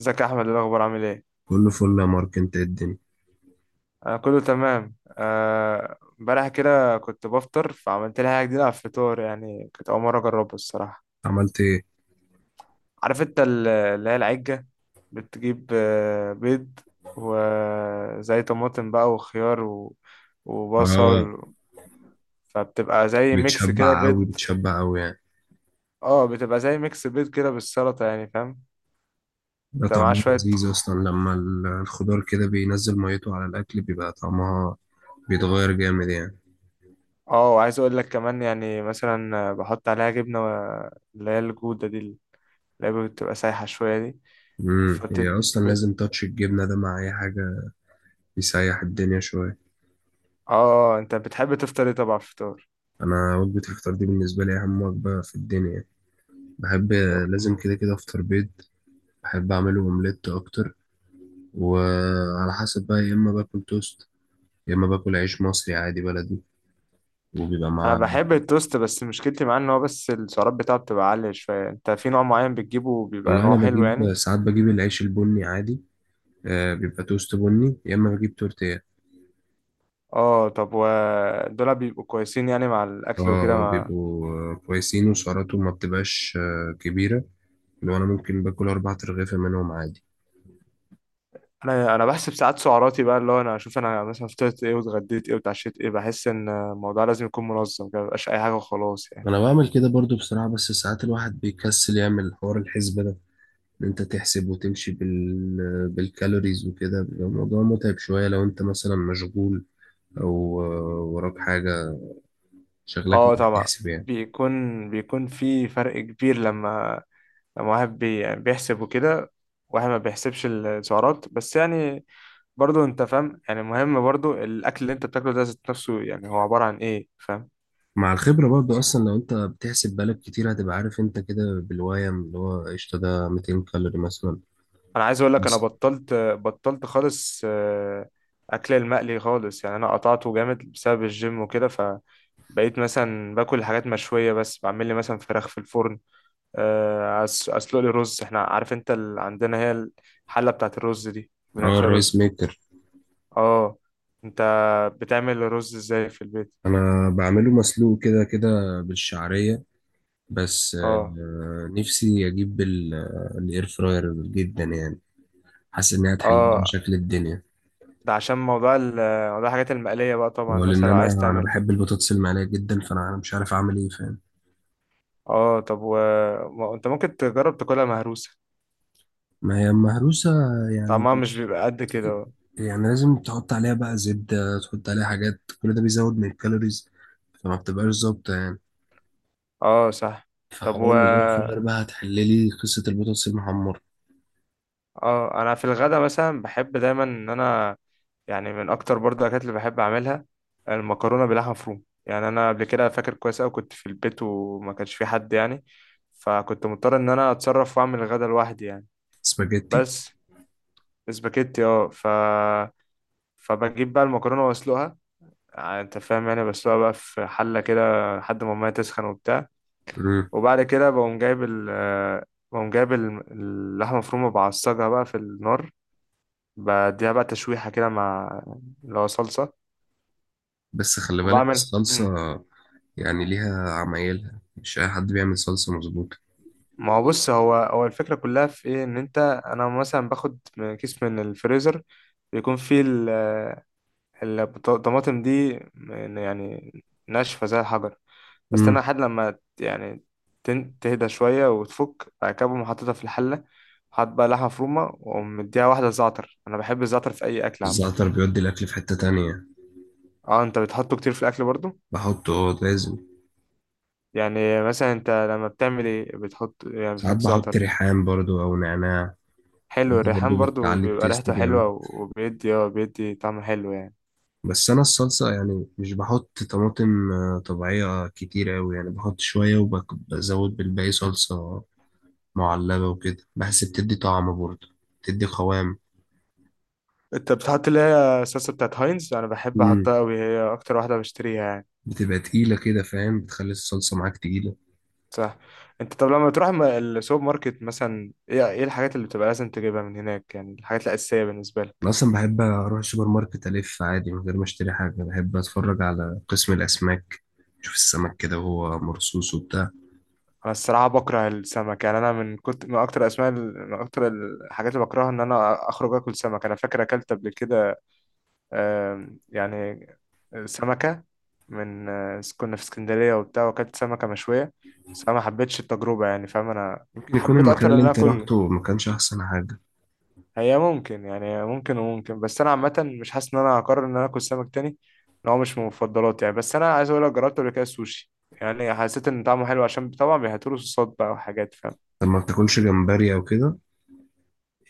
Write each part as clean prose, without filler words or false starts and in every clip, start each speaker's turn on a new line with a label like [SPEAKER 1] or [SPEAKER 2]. [SPEAKER 1] ازيك يا احمد؟ إيه الاخبار؟ عامل ايه؟
[SPEAKER 2] كله فل يا مارك، انت ايه الدنيا؟
[SPEAKER 1] انا كله تمام. امبارح كده كنت بفطر فعملت لي حاجه جديده على الفطار، يعني كنت اول مره اجربها الصراحه.
[SPEAKER 2] عملت ايه؟
[SPEAKER 1] عارف انت اللي هي العجه، بتجيب بيض وزي طماطم بقى وخيار
[SPEAKER 2] اه،
[SPEAKER 1] وبصل، فبتبقى زي ميكس كده
[SPEAKER 2] بتشبع قوي
[SPEAKER 1] بيض.
[SPEAKER 2] بتشبع قوي يعني.
[SPEAKER 1] اه بتبقى زي ميكس بيض كده بالسلطه، يعني فاهم.
[SPEAKER 2] ده
[SPEAKER 1] بتبقى معاه
[SPEAKER 2] طعمه
[SPEAKER 1] شويه
[SPEAKER 2] لذيذ اصلا لما الخضار كده بينزل ميته على الاكل بيبقى طعمها بيتغير جامد يعني.
[SPEAKER 1] اه، وعايز اقول لك كمان يعني مثلا بحط عليها جبنه اللي هي الجوده دي، اللعبة بتبقى سايحة شوية دي.
[SPEAKER 2] هي
[SPEAKER 1] فبتد
[SPEAKER 2] اصلا
[SPEAKER 1] بت...
[SPEAKER 2] لازم تاتش الجبنه ده مع اي حاجه، يسيح الدنيا شويه.
[SPEAKER 1] اه، انت بتحب تفطر ايه طبعا على الفطار؟
[SPEAKER 2] انا وجبه الفطار دي بالنسبه لي اهم وجبه في الدنيا. بحب،
[SPEAKER 1] طب
[SPEAKER 2] لازم كده كده افطر بيض. بحب اعمله اومليت اكتر، وعلى حسب بقى، يا اما باكل توست يا اما باكل عيش مصري عادي بلدي، وبيبقى
[SPEAKER 1] انا
[SPEAKER 2] معاه.
[SPEAKER 1] بحب التوست، بس مشكلتي معاه ان هو بس السعرات بتاعته بتبقى عالية شوية. انت في نوع معين بتجيبه بيبقى
[SPEAKER 2] والله انا
[SPEAKER 1] نوع حلو
[SPEAKER 2] بجيب،
[SPEAKER 1] يعني؟
[SPEAKER 2] ساعات بجيب العيش البني عادي. آه، بيبقى توست بني يا اما بجيب تورتيه.
[SPEAKER 1] اه طب ودول بيبقوا كويسين يعني مع الاكل وكده
[SPEAKER 2] اه،
[SPEAKER 1] ما.
[SPEAKER 2] بيبقوا كويسين وسعراتهم ما بتبقاش كبيره. لو انا ممكن باكل 4 ترغيفه منهم عادي.
[SPEAKER 1] انا بحسب ساعات سعراتي بقى، اللي هو انا اشوف انا مثلا فطرت ايه واتغديت ايه واتعشيت ايه. بحس ان الموضوع لازم يكون منظم كده، مبيبقاش اي حاجة وخلاص يعني.
[SPEAKER 2] انا بعمل كده برضو بصراحه، بس ساعات الواحد بيكسل يعمل حوار الحسبه ده، ان انت تحسب وتمشي بالكالوريز وكده بيبقى الموضوع متعب شويه لو انت مثلا مشغول او وراك حاجه، شغلك
[SPEAKER 1] اه
[SPEAKER 2] انك
[SPEAKER 1] طبعا.
[SPEAKER 2] تحسب يعني.
[SPEAKER 1] بيكون في فرق كبير لما، لما واحد بي يعني بيحسب وكده، واحد ما بيحسبش السعرات بس يعني. برضو انت فاهم يعني مهم برضو الاكل اللي انت بتاكله ده ذات نفسه يعني هو عبارة عن ايه، فاهم.
[SPEAKER 2] مع الخبرة برضو أصلا لو أنت بتحسب بالك كتير هتبقى عارف أنت كده بالويم اللي هو قشطة ده 200 كالوري مثلا.
[SPEAKER 1] انا عايز اقول لك انا بطلت خالص، اكل المقلي خالص يعني. انا قطعته جامد بسبب الجيم وكده، فبقيت مثلا باكل حاجات مشوية بس، بعمل لي مثلا فراخ في الفرن. اسلق لي رز. احنا عارف انت عندنا هي الحلة بتاعت الرز دي بنعمل
[SPEAKER 2] اه،
[SPEAKER 1] فيها
[SPEAKER 2] الرايس
[SPEAKER 1] رز.
[SPEAKER 2] ميكر.
[SPEAKER 1] اه. انت بتعمل الرز ازاي في البيت؟
[SPEAKER 2] أنا بعمله مسلوق كده كده بالشعرية. بس
[SPEAKER 1] اه
[SPEAKER 2] نفسي أجيب الإير فراير جدا يعني، حاسس إنها هتحل لي
[SPEAKER 1] اه،
[SPEAKER 2] مشاكل الدنيا.
[SPEAKER 1] ده عشان موضوع الحاجات المقلية بقى طبعا،
[SPEAKER 2] ولأن
[SPEAKER 1] مثلا لو عايز
[SPEAKER 2] أنا
[SPEAKER 1] تعمل.
[SPEAKER 2] بحب البطاطس المقلية جدا، فأنا مش عارف أعمل إيه، فاهم؟
[SPEAKER 1] اه انت ممكن تجرب تاكلها مهروسة.
[SPEAKER 2] ما هي مهروسة يعني
[SPEAKER 1] طعمها مش بيبقى قد كده؟
[SPEAKER 2] يعني لازم تحط عليها بقى زبدة، تحط عليها حاجات، كل ده بيزود من الكالوريز، فما بتبقاش ظابطة يعني.
[SPEAKER 1] اه صح. طب
[SPEAKER 2] فحوار
[SPEAKER 1] و
[SPEAKER 2] ان الاير فراير
[SPEAKER 1] اه،
[SPEAKER 2] بقى هتحللي قصة البطاطس المحمرة.
[SPEAKER 1] انا في الغدا مثلا بحب دايما ان انا، يعني من اكتر برضه الاكلات اللي بحب اعملها المكرونة بلحمة مفرومة. يعني انا قبل كده فاكر كويس اوي كنت في البيت وما كانش في حد يعني، فكنت مضطر ان انا اتصرف واعمل الغدا لوحدي يعني.
[SPEAKER 2] سباجيتي.
[SPEAKER 1] بس اسباجيتي اه، فبجيب بقى المكرونه واسلقها. يعني انت فاهم، يعني بسلقها بقى في حله كده لحد ما الميه تسخن وبتاع.
[SPEAKER 2] مم.
[SPEAKER 1] وبعد كده بقوم جايب اللحمه المفرومه بعصجها بقى في النار، بديها بقى تشويحه كده مع اللي هو صلصه.
[SPEAKER 2] بس خلي بالك
[SPEAKER 1] وبعمل
[SPEAKER 2] الصلصة يعني ليها عمايلها، مش أي حد بيعمل صلصة مظبوطة.
[SPEAKER 1] ما هو بص، هو الفكره كلها في ايه، ان انت، انا مثلا باخد كيس من الفريزر، بيكون فيه الطماطم دي يعني ناشفه زي الحجر. بستنى
[SPEAKER 2] مم.
[SPEAKER 1] لحد لما يعني تهدى شوية وتفك أكبهم وحطيتها في الحلة. حط بقى لحمة مفرومة وأقوم مديها واحدة زعتر. أنا بحب الزعتر في أي أكل عامة.
[SPEAKER 2] الزعتر بيودي الأكل في حتة تانية.
[SPEAKER 1] أه أنت بتحطه كتير في الأكل برضو؟
[SPEAKER 2] بحطه اه، لازم.
[SPEAKER 1] يعني مثلا أنت لما بتعمل إيه بتحط، يعني
[SPEAKER 2] ساعات
[SPEAKER 1] بتحط
[SPEAKER 2] بحط
[SPEAKER 1] زعتر؟
[SPEAKER 2] ريحان برضو أو نعناع،
[SPEAKER 1] حلو
[SPEAKER 2] دي
[SPEAKER 1] الريحان
[SPEAKER 2] برضو
[SPEAKER 1] برضو،
[SPEAKER 2] بتعلي
[SPEAKER 1] بيبقى
[SPEAKER 2] التيست
[SPEAKER 1] ريحته حلوة
[SPEAKER 2] جامد.
[SPEAKER 1] وبيدي اه، بيدي طعم حلو يعني.
[SPEAKER 2] بس انا الصلصه يعني مش بحط طماطم طبيعيه كتير قوي يعني، بحط شويه وبزود بالباقي صلصه معلبه وكده، بحس بتدي طعم برضه، بتدي قوام.
[SPEAKER 1] أنت بتحط اللي هي الصلصة بتاعت هاينز؟ أنا بحب
[SPEAKER 2] مم.
[SPEAKER 1] أحطها أوي، هي أكتر واحدة بشتريها يعني.
[SPEAKER 2] بتبقى تقيله كده، فاهم؟ بتخلي الصلصه معاك تقيله.
[SPEAKER 1] صح. انت طب لما تروح السوبر ماركت مثلا، ايه ايه الحاجات اللي بتبقى لازم تجيبها من هناك يعني، الحاجات الأساسية بالنسبة
[SPEAKER 2] انا
[SPEAKER 1] لك؟
[SPEAKER 2] اصلا بحب اروح السوبر ماركت الف عادي من غير ما اشتري حاجه، بحب اتفرج على قسم الاسماك، اشوف السمك كده وهو مرصوص وبتاع.
[SPEAKER 1] انا الصراحة بكره السمك يعني. انا من كنت من اكتر اسماء من اكتر الحاجات اللي بكرهها ان انا اخرج اكل سمك. انا فاكر اكلت قبل كده يعني سمكة من كنا في اسكندرية وبتاع واكلت سمكة مشوية، بس انا ما حبيتش التجربة يعني، فاهم. انا
[SPEAKER 2] ممكن يكون
[SPEAKER 1] حبيت
[SPEAKER 2] المكان
[SPEAKER 1] اكتر ان
[SPEAKER 2] اللي
[SPEAKER 1] انا
[SPEAKER 2] انت
[SPEAKER 1] اكل.
[SPEAKER 2] رحته ما كانش احسن حاجه.
[SPEAKER 1] هي ممكن يعني، ممكن وممكن، بس انا عامه مش حاسس ان انا هقرر ان انا اكل سمك تاني، ان هو مش من مفضلاتي يعني. بس انا عايز اقول لك جربت قبل كده السوشي، يعني حسيت ان طعمه حلو عشان طبعا بيهتروا صوصات بقى وحاجات، فاهم.
[SPEAKER 2] طب ما بتاكلش جمبري او كده؟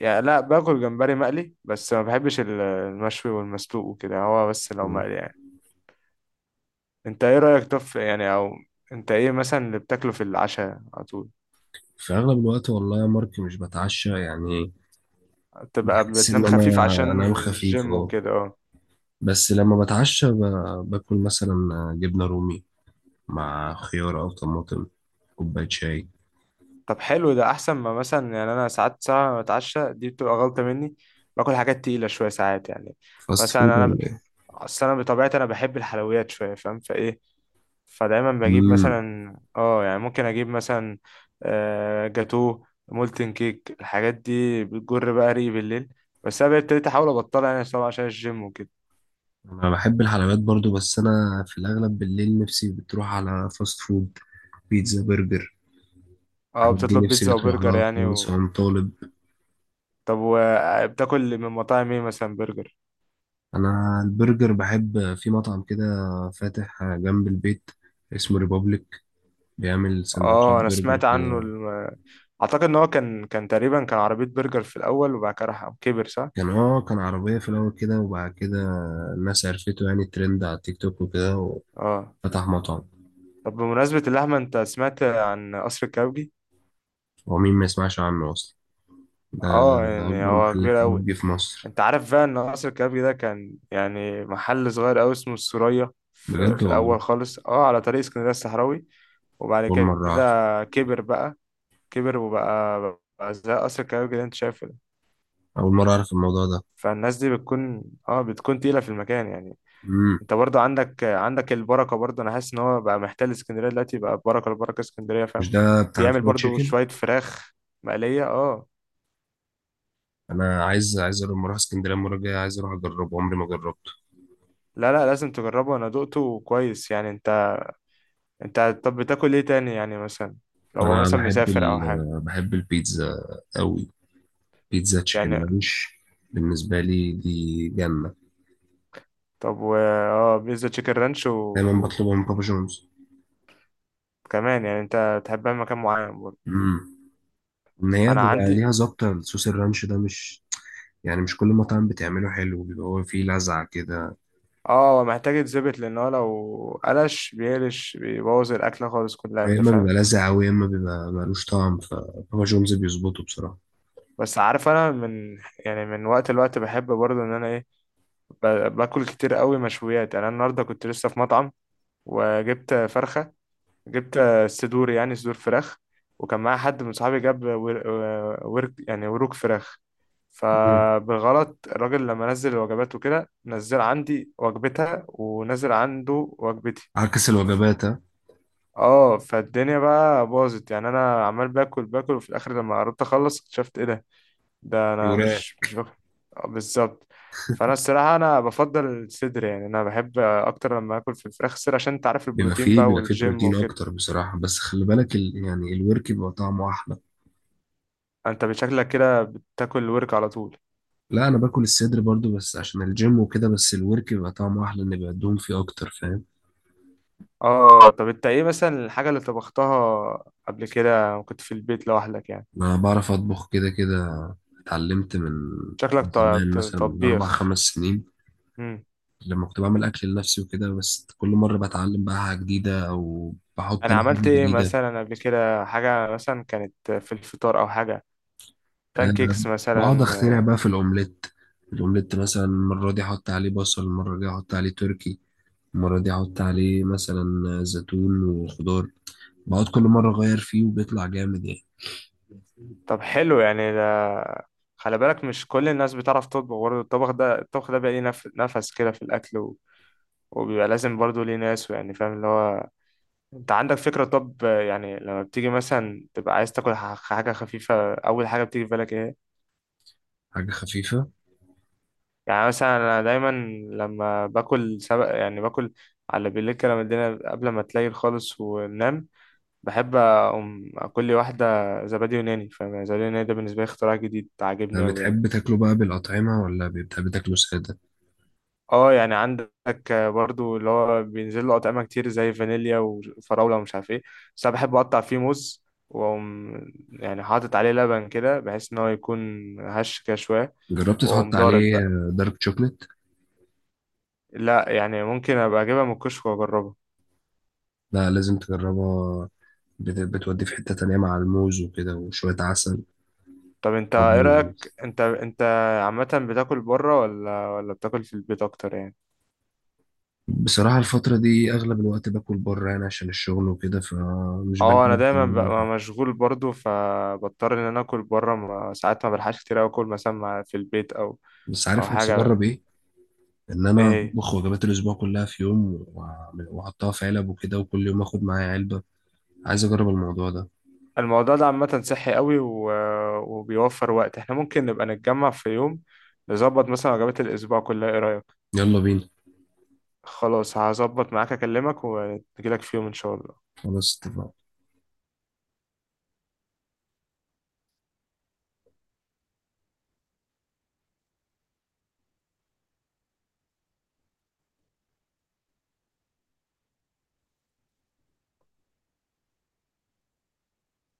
[SPEAKER 1] يعني لا، باكل جمبري مقلي بس، ما بحبش المشوي والمسلوق وكده، هو بس لو مقلي يعني. انت ايه رايك طف يعني او، انت ايه مثلا اللي بتاكله في العشاء على طول؟
[SPEAKER 2] في أغلب الوقت والله يا مارك مش بتعشى يعني.
[SPEAKER 1] تبقى
[SPEAKER 2] بحس
[SPEAKER 1] بتنام
[SPEAKER 2] إن
[SPEAKER 1] خفيف
[SPEAKER 2] أنا
[SPEAKER 1] عشان
[SPEAKER 2] أنام خفيف،
[SPEAKER 1] الجيم
[SPEAKER 2] أه.
[SPEAKER 1] وكده اه.
[SPEAKER 2] بس لما بتعشى باكل مثلا جبنة رومي مع خيار أو طماطم، كوباية شاي.
[SPEAKER 1] طب حلو ده، احسن ما مثلا يعني انا ساعات ساعه ما بتعشى دي بتبقى غلطه مني، باكل حاجات تقيله شويه ساعات يعني.
[SPEAKER 2] فاست
[SPEAKER 1] مثلا
[SPEAKER 2] فود ولا ايه؟
[SPEAKER 1] اصل انا بطبيعتي انا بحب الحلويات شويه، فاهم، فايه. فدايما بجيب
[SPEAKER 2] مم.
[SPEAKER 1] مثلا اه، يعني ممكن اجيب مثلا جاتو مولتن كيك. الحاجات دي بتجر بقى ريقي بالليل، بس انا بقيت ابتديت احاول ابطلها يعني، طبعا عشان الجيم وكده.
[SPEAKER 2] أنا بحب الحلويات برضو، بس أنا في الأغلب بالليل نفسي بتروح على فاست فود، بيتزا، برجر.
[SPEAKER 1] اه
[SPEAKER 2] الحاجات دي
[SPEAKER 1] بتطلب
[SPEAKER 2] نفسي
[SPEAKER 1] بيتزا
[SPEAKER 2] بتروح
[SPEAKER 1] وبرجر
[SPEAKER 2] لها
[SPEAKER 1] يعني
[SPEAKER 2] خالص وأنا طالب.
[SPEAKER 1] طب وبتاكل من مطاعم ايه مثلا برجر؟
[SPEAKER 2] أنا البرجر بحب في مطعم كده فاتح جنب البيت، اسمه ريبابليك، بيعمل سندوتشات
[SPEAKER 1] اه انا
[SPEAKER 2] برجر
[SPEAKER 1] سمعت عنه.
[SPEAKER 2] كده.
[SPEAKER 1] اعتقد ان هو كان، كان تقريبا عربية برجر في الاول وبعد كده راح كبر، صح؟
[SPEAKER 2] كان اه، كان عربية في الأول كده، وبعد كده الناس عرفته يعني، ترند على التيك توك وكده،
[SPEAKER 1] اه
[SPEAKER 2] وفتح مطعم.
[SPEAKER 1] طب، بمناسبة اللحمة، انت سمعت عن قصر الكبابجي؟
[SPEAKER 2] هو مين ما يسمعش عنه أصلا؟ ده
[SPEAKER 1] اه يعني
[SPEAKER 2] أكبر
[SPEAKER 1] هو
[SPEAKER 2] محل
[SPEAKER 1] كبير قوي.
[SPEAKER 2] كبابجي في مصر.
[SPEAKER 1] انت عارف بقى ان قصر الكبابجي ده كان يعني محل صغير قوي اسمه السورية في,
[SPEAKER 2] بجد
[SPEAKER 1] في
[SPEAKER 2] والله؟
[SPEAKER 1] الاول خالص، اه، على طريق اسكندرية الصحراوي. وبعد
[SPEAKER 2] أول مرة أعرف.
[SPEAKER 1] كده كبر بقى، كبر وبقى، بقى زي قصر الكبابجي اللي انت شايفه ده.
[SPEAKER 2] أول مرة أعرف الموضوع ده.
[SPEAKER 1] فالناس دي بتكون اه، بتكون تقيلة في المكان يعني.
[SPEAKER 2] مم.
[SPEAKER 1] انت برضه عندك البركه برضه، انا حاسس ان هو بقى محتل اسكندريه دلوقتي بقى، بركه، البركه اسكندريه فاهم.
[SPEAKER 2] مش ده بتاع
[SPEAKER 1] بيعمل
[SPEAKER 2] الفرايد
[SPEAKER 1] برضه
[SPEAKER 2] تشيكن؟
[SPEAKER 1] شويه فراخ مقليه اه.
[SPEAKER 2] أنا عايز لما أروح اسكندرية المرة الجاية، عايز أروح أجربه، عمري ما جربته.
[SPEAKER 1] لا لا، لازم تجربه، انا دقته كويس يعني. انت، انت طب بتاكل ايه تاني يعني، مثلا لو هو
[SPEAKER 2] أنا
[SPEAKER 1] مثلا
[SPEAKER 2] بحب
[SPEAKER 1] مسافر او حاجه
[SPEAKER 2] بحب البيتزا أوي. بيتزا
[SPEAKER 1] يعني.
[SPEAKER 2] تشيكن مالوش، بالنسبة لي دي جنة.
[SPEAKER 1] طب و اه، بيتزا تشيكن رانش
[SPEAKER 2] دايما بطلبها من بابا جونز.
[SPEAKER 1] وكمان يعني انت تحبها في مكان معين برضه؟
[SPEAKER 2] امم ان هي
[SPEAKER 1] انا
[SPEAKER 2] بيبقى ليها
[SPEAKER 1] عندي
[SPEAKER 2] ظابطه، الصوص الرانش ده مش، يعني مش كل مطعم بتعمله حلو، بيبقى هو فيه لذعه كده.
[SPEAKER 1] اه، محتاج يتظبط، لان هو لو قلش بيقلش بيبوظ الاكله خالص كلها،
[SPEAKER 2] يا
[SPEAKER 1] انت
[SPEAKER 2] اما
[SPEAKER 1] فاهم.
[SPEAKER 2] بيبقى لذع قوي، يا اما بيبقى ملوش طعم. فبابا جونز بيظبطه بصراحه.
[SPEAKER 1] بس عارف، انا من يعني من وقت لوقت بحب برضو ان انا ايه، ب- باكل كتير قوي مشويات. يعني انا النهارده كنت لسه في مطعم وجبت فرخه، جبت صدور يعني صدور فراخ. وكان معايا حد من صحابي جاب ورك يعني، وروك فراخ.
[SPEAKER 2] مم.
[SPEAKER 1] فبالغلط الراجل لما نزل الوجبات وكده، نزل عندي وجبتها ونزل عنده وجبتي.
[SPEAKER 2] عكس الوجبات، ها؟
[SPEAKER 1] اه فالدنيا بقى باظت يعني. انا عمال باكل باكل، وفي الاخر لما قربت اخلص اكتشفت ايه ده، ده انا
[SPEAKER 2] يوراه.
[SPEAKER 1] مش مش بك... بالظبط. فانا الصراحه انا بفضل الصدر يعني، انا بحب اكتر لما اكل في الفراخ الصدر عشان انت عارف
[SPEAKER 2] بيبقى
[SPEAKER 1] البروتين
[SPEAKER 2] فيه
[SPEAKER 1] بقى
[SPEAKER 2] بيبقى فيه
[SPEAKER 1] والجيم
[SPEAKER 2] بروتين
[SPEAKER 1] وكده.
[SPEAKER 2] اكتر بصراحه، بس خلي بالك يعني الورك بيبقى طعمه احلى.
[SPEAKER 1] انت بشكلك كده بتاكل ورك على طول.
[SPEAKER 2] لا، انا باكل الصدر برضو بس عشان الجيم وكده، بس الورك بيبقى طعمه احلى، ان بيبقى الدهون فيه اكتر، فاهم؟
[SPEAKER 1] اه طب انت ايه مثلا الحاجه اللي طبختها قبل كده وكنت في البيت لوحدك يعني؟
[SPEAKER 2] انا بعرف اطبخ كده كده. اتعلمت من،
[SPEAKER 1] شكلك
[SPEAKER 2] من زمان، مثلا من اربع
[SPEAKER 1] طبيخ.
[SPEAKER 2] خمس سنين
[SPEAKER 1] امم.
[SPEAKER 2] لما كنت بعمل أكل لنفسي وكده، بس كل مرة بتعلم بقى حاجة جديدة أو بحط
[SPEAKER 1] انا
[SPEAKER 2] أنا
[SPEAKER 1] عملت
[SPEAKER 2] حاجة
[SPEAKER 1] ايه
[SPEAKER 2] جديدة.
[SPEAKER 1] مثلا قبل كده حاجه مثلا كانت في الفطار او حاجه؟
[SPEAKER 2] أه.
[SPEAKER 1] بانكيكس
[SPEAKER 2] بقعد
[SPEAKER 1] مثلا.
[SPEAKER 2] أخترع بقى في الأومليت. الأومليت مثلا المرة دي أحط عليه بصل، المرة دي أحط عليه تركي، المرة دي أحط عليه مثلا زيتون وخضار، بقعد كل مرة أغير فيه وبيطلع جامد يعني.
[SPEAKER 1] طب حلو يعني ده. خلي بالك مش كل الناس بتعرف تطبخ برضه. الطبخ ده، الطبخ ده بيبقى ليه نفس كده في الأكل و، وبيبقى لازم برضه ليه ناس يعني، فاهم اللي هو. أنت عندك فكرة؟ طب يعني لما بتيجي مثلا تبقى عايز تاكل حاجة خفيفة، أول حاجة بتيجي في بالك إيه؟
[SPEAKER 2] حاجة خفيفة.
[SPEAKER 1] يعني مثلا أنا دايما لما باكل سبق يعني، باكل على بالليل كده، لما الدنيا قبل ما تليل خالص وننام، بحب أقوم أكل لي واحدة زبادي يوناني، فاهم يعني. زبادي يوناني ده بالنسبة لي اختراع جديد
[SPEAKER 2] أه،
[SPEAKER 1] عاجبني أوي يعني.
[SPEAKER 2] بتحب تاكله بقى بالأطعمة ولا بتحب تاكله سادة؟
[SPEAKER 1] اه يعني عندك برضو اللي هو بينزل له اطعمه كتير زي فانيليا وفراوله ومش عارف ايه، بس انا بحب اقطع فيه موز واقوم، يعني حاطط عليه لبن كده بحيث ان هو يكون هش كده شويه،
[SPEAKER 2] جربت تحط
[SPEAKER 1] واقوم ضارب
[SPEAKER 2] عليه
[SPEAKER 1] بقى.
[SPEAKER 2] دارك شوكليت؟
[SPEAKER 1] لا، يعني ممكن ابقى اجيبها من الكشك واجربها.
[SPEAKER 2] لا، لازم تجربها. بتودي في حتة تانية مع الموز وكده وشوية عسل.
[SPEAKER 1] طب انت
[SPEAKER 2] طب
[SPEAKER 1] ايه
[SPEAKER 2] لذيذ.
[SPEAKER 1] رايك، انت انت عامه بتاكل بره ولا بتاكل في البيت اكتر يعني؟
[SPEAKER 2] بصراحة الفترة دي أغلب الوقت باكل بره يعني عشان الشغل وكده، فمش
[SPEAKER 1] اه
[SPEAKER 2] بلاقي
[SPEAKER 1] انا
[SPEAKER 2] وقت إن
[SPEAKER 1] دايما
[SPEAKER 2] أنا
[SPEAKER 1] ببقى
[SPEAKER 2] ألحق.
[SPEAKER 1] مشغول برضو، فبضطر ان انا اكل بره، ما ساعات ما بلحقش كتير أوي اكل مثلا في البيت او
[SPEAKER 2] بس
[SPEAKER 1] او
[SPEAKER 2] عارف نفسي أجرب
[SPEAKER 1] حاجه.
[SPEAKER 2] إيه؟ إن
[SPEAKER 1] ايه
[SPEAKER 2] أنا
[SPEAKER 1] هي؟
[SPEAKER 2] أطبخ وجبات الأسبوع كلها في يوم، وأحطها في علب وكده، وكل يوم آخد معايا علبة. عايز أجرب الموضوع ده.
[SPEAKER 1] الموضوع ده عامة صحي قوي وبيوفر وقت. احنا ممكن نبقى نتجمع في يوم، نظبط مثلا وجبات الأسبوع كلها، ايه رأيك؟
[SPEAKER 2] يلا بينا.
[SPEAKER 1] خلاص هظبط معاك، أكلمك ونجيلك في يوم إن شاء الله.
[SPEAKER 2] خلاص، اتفقنا.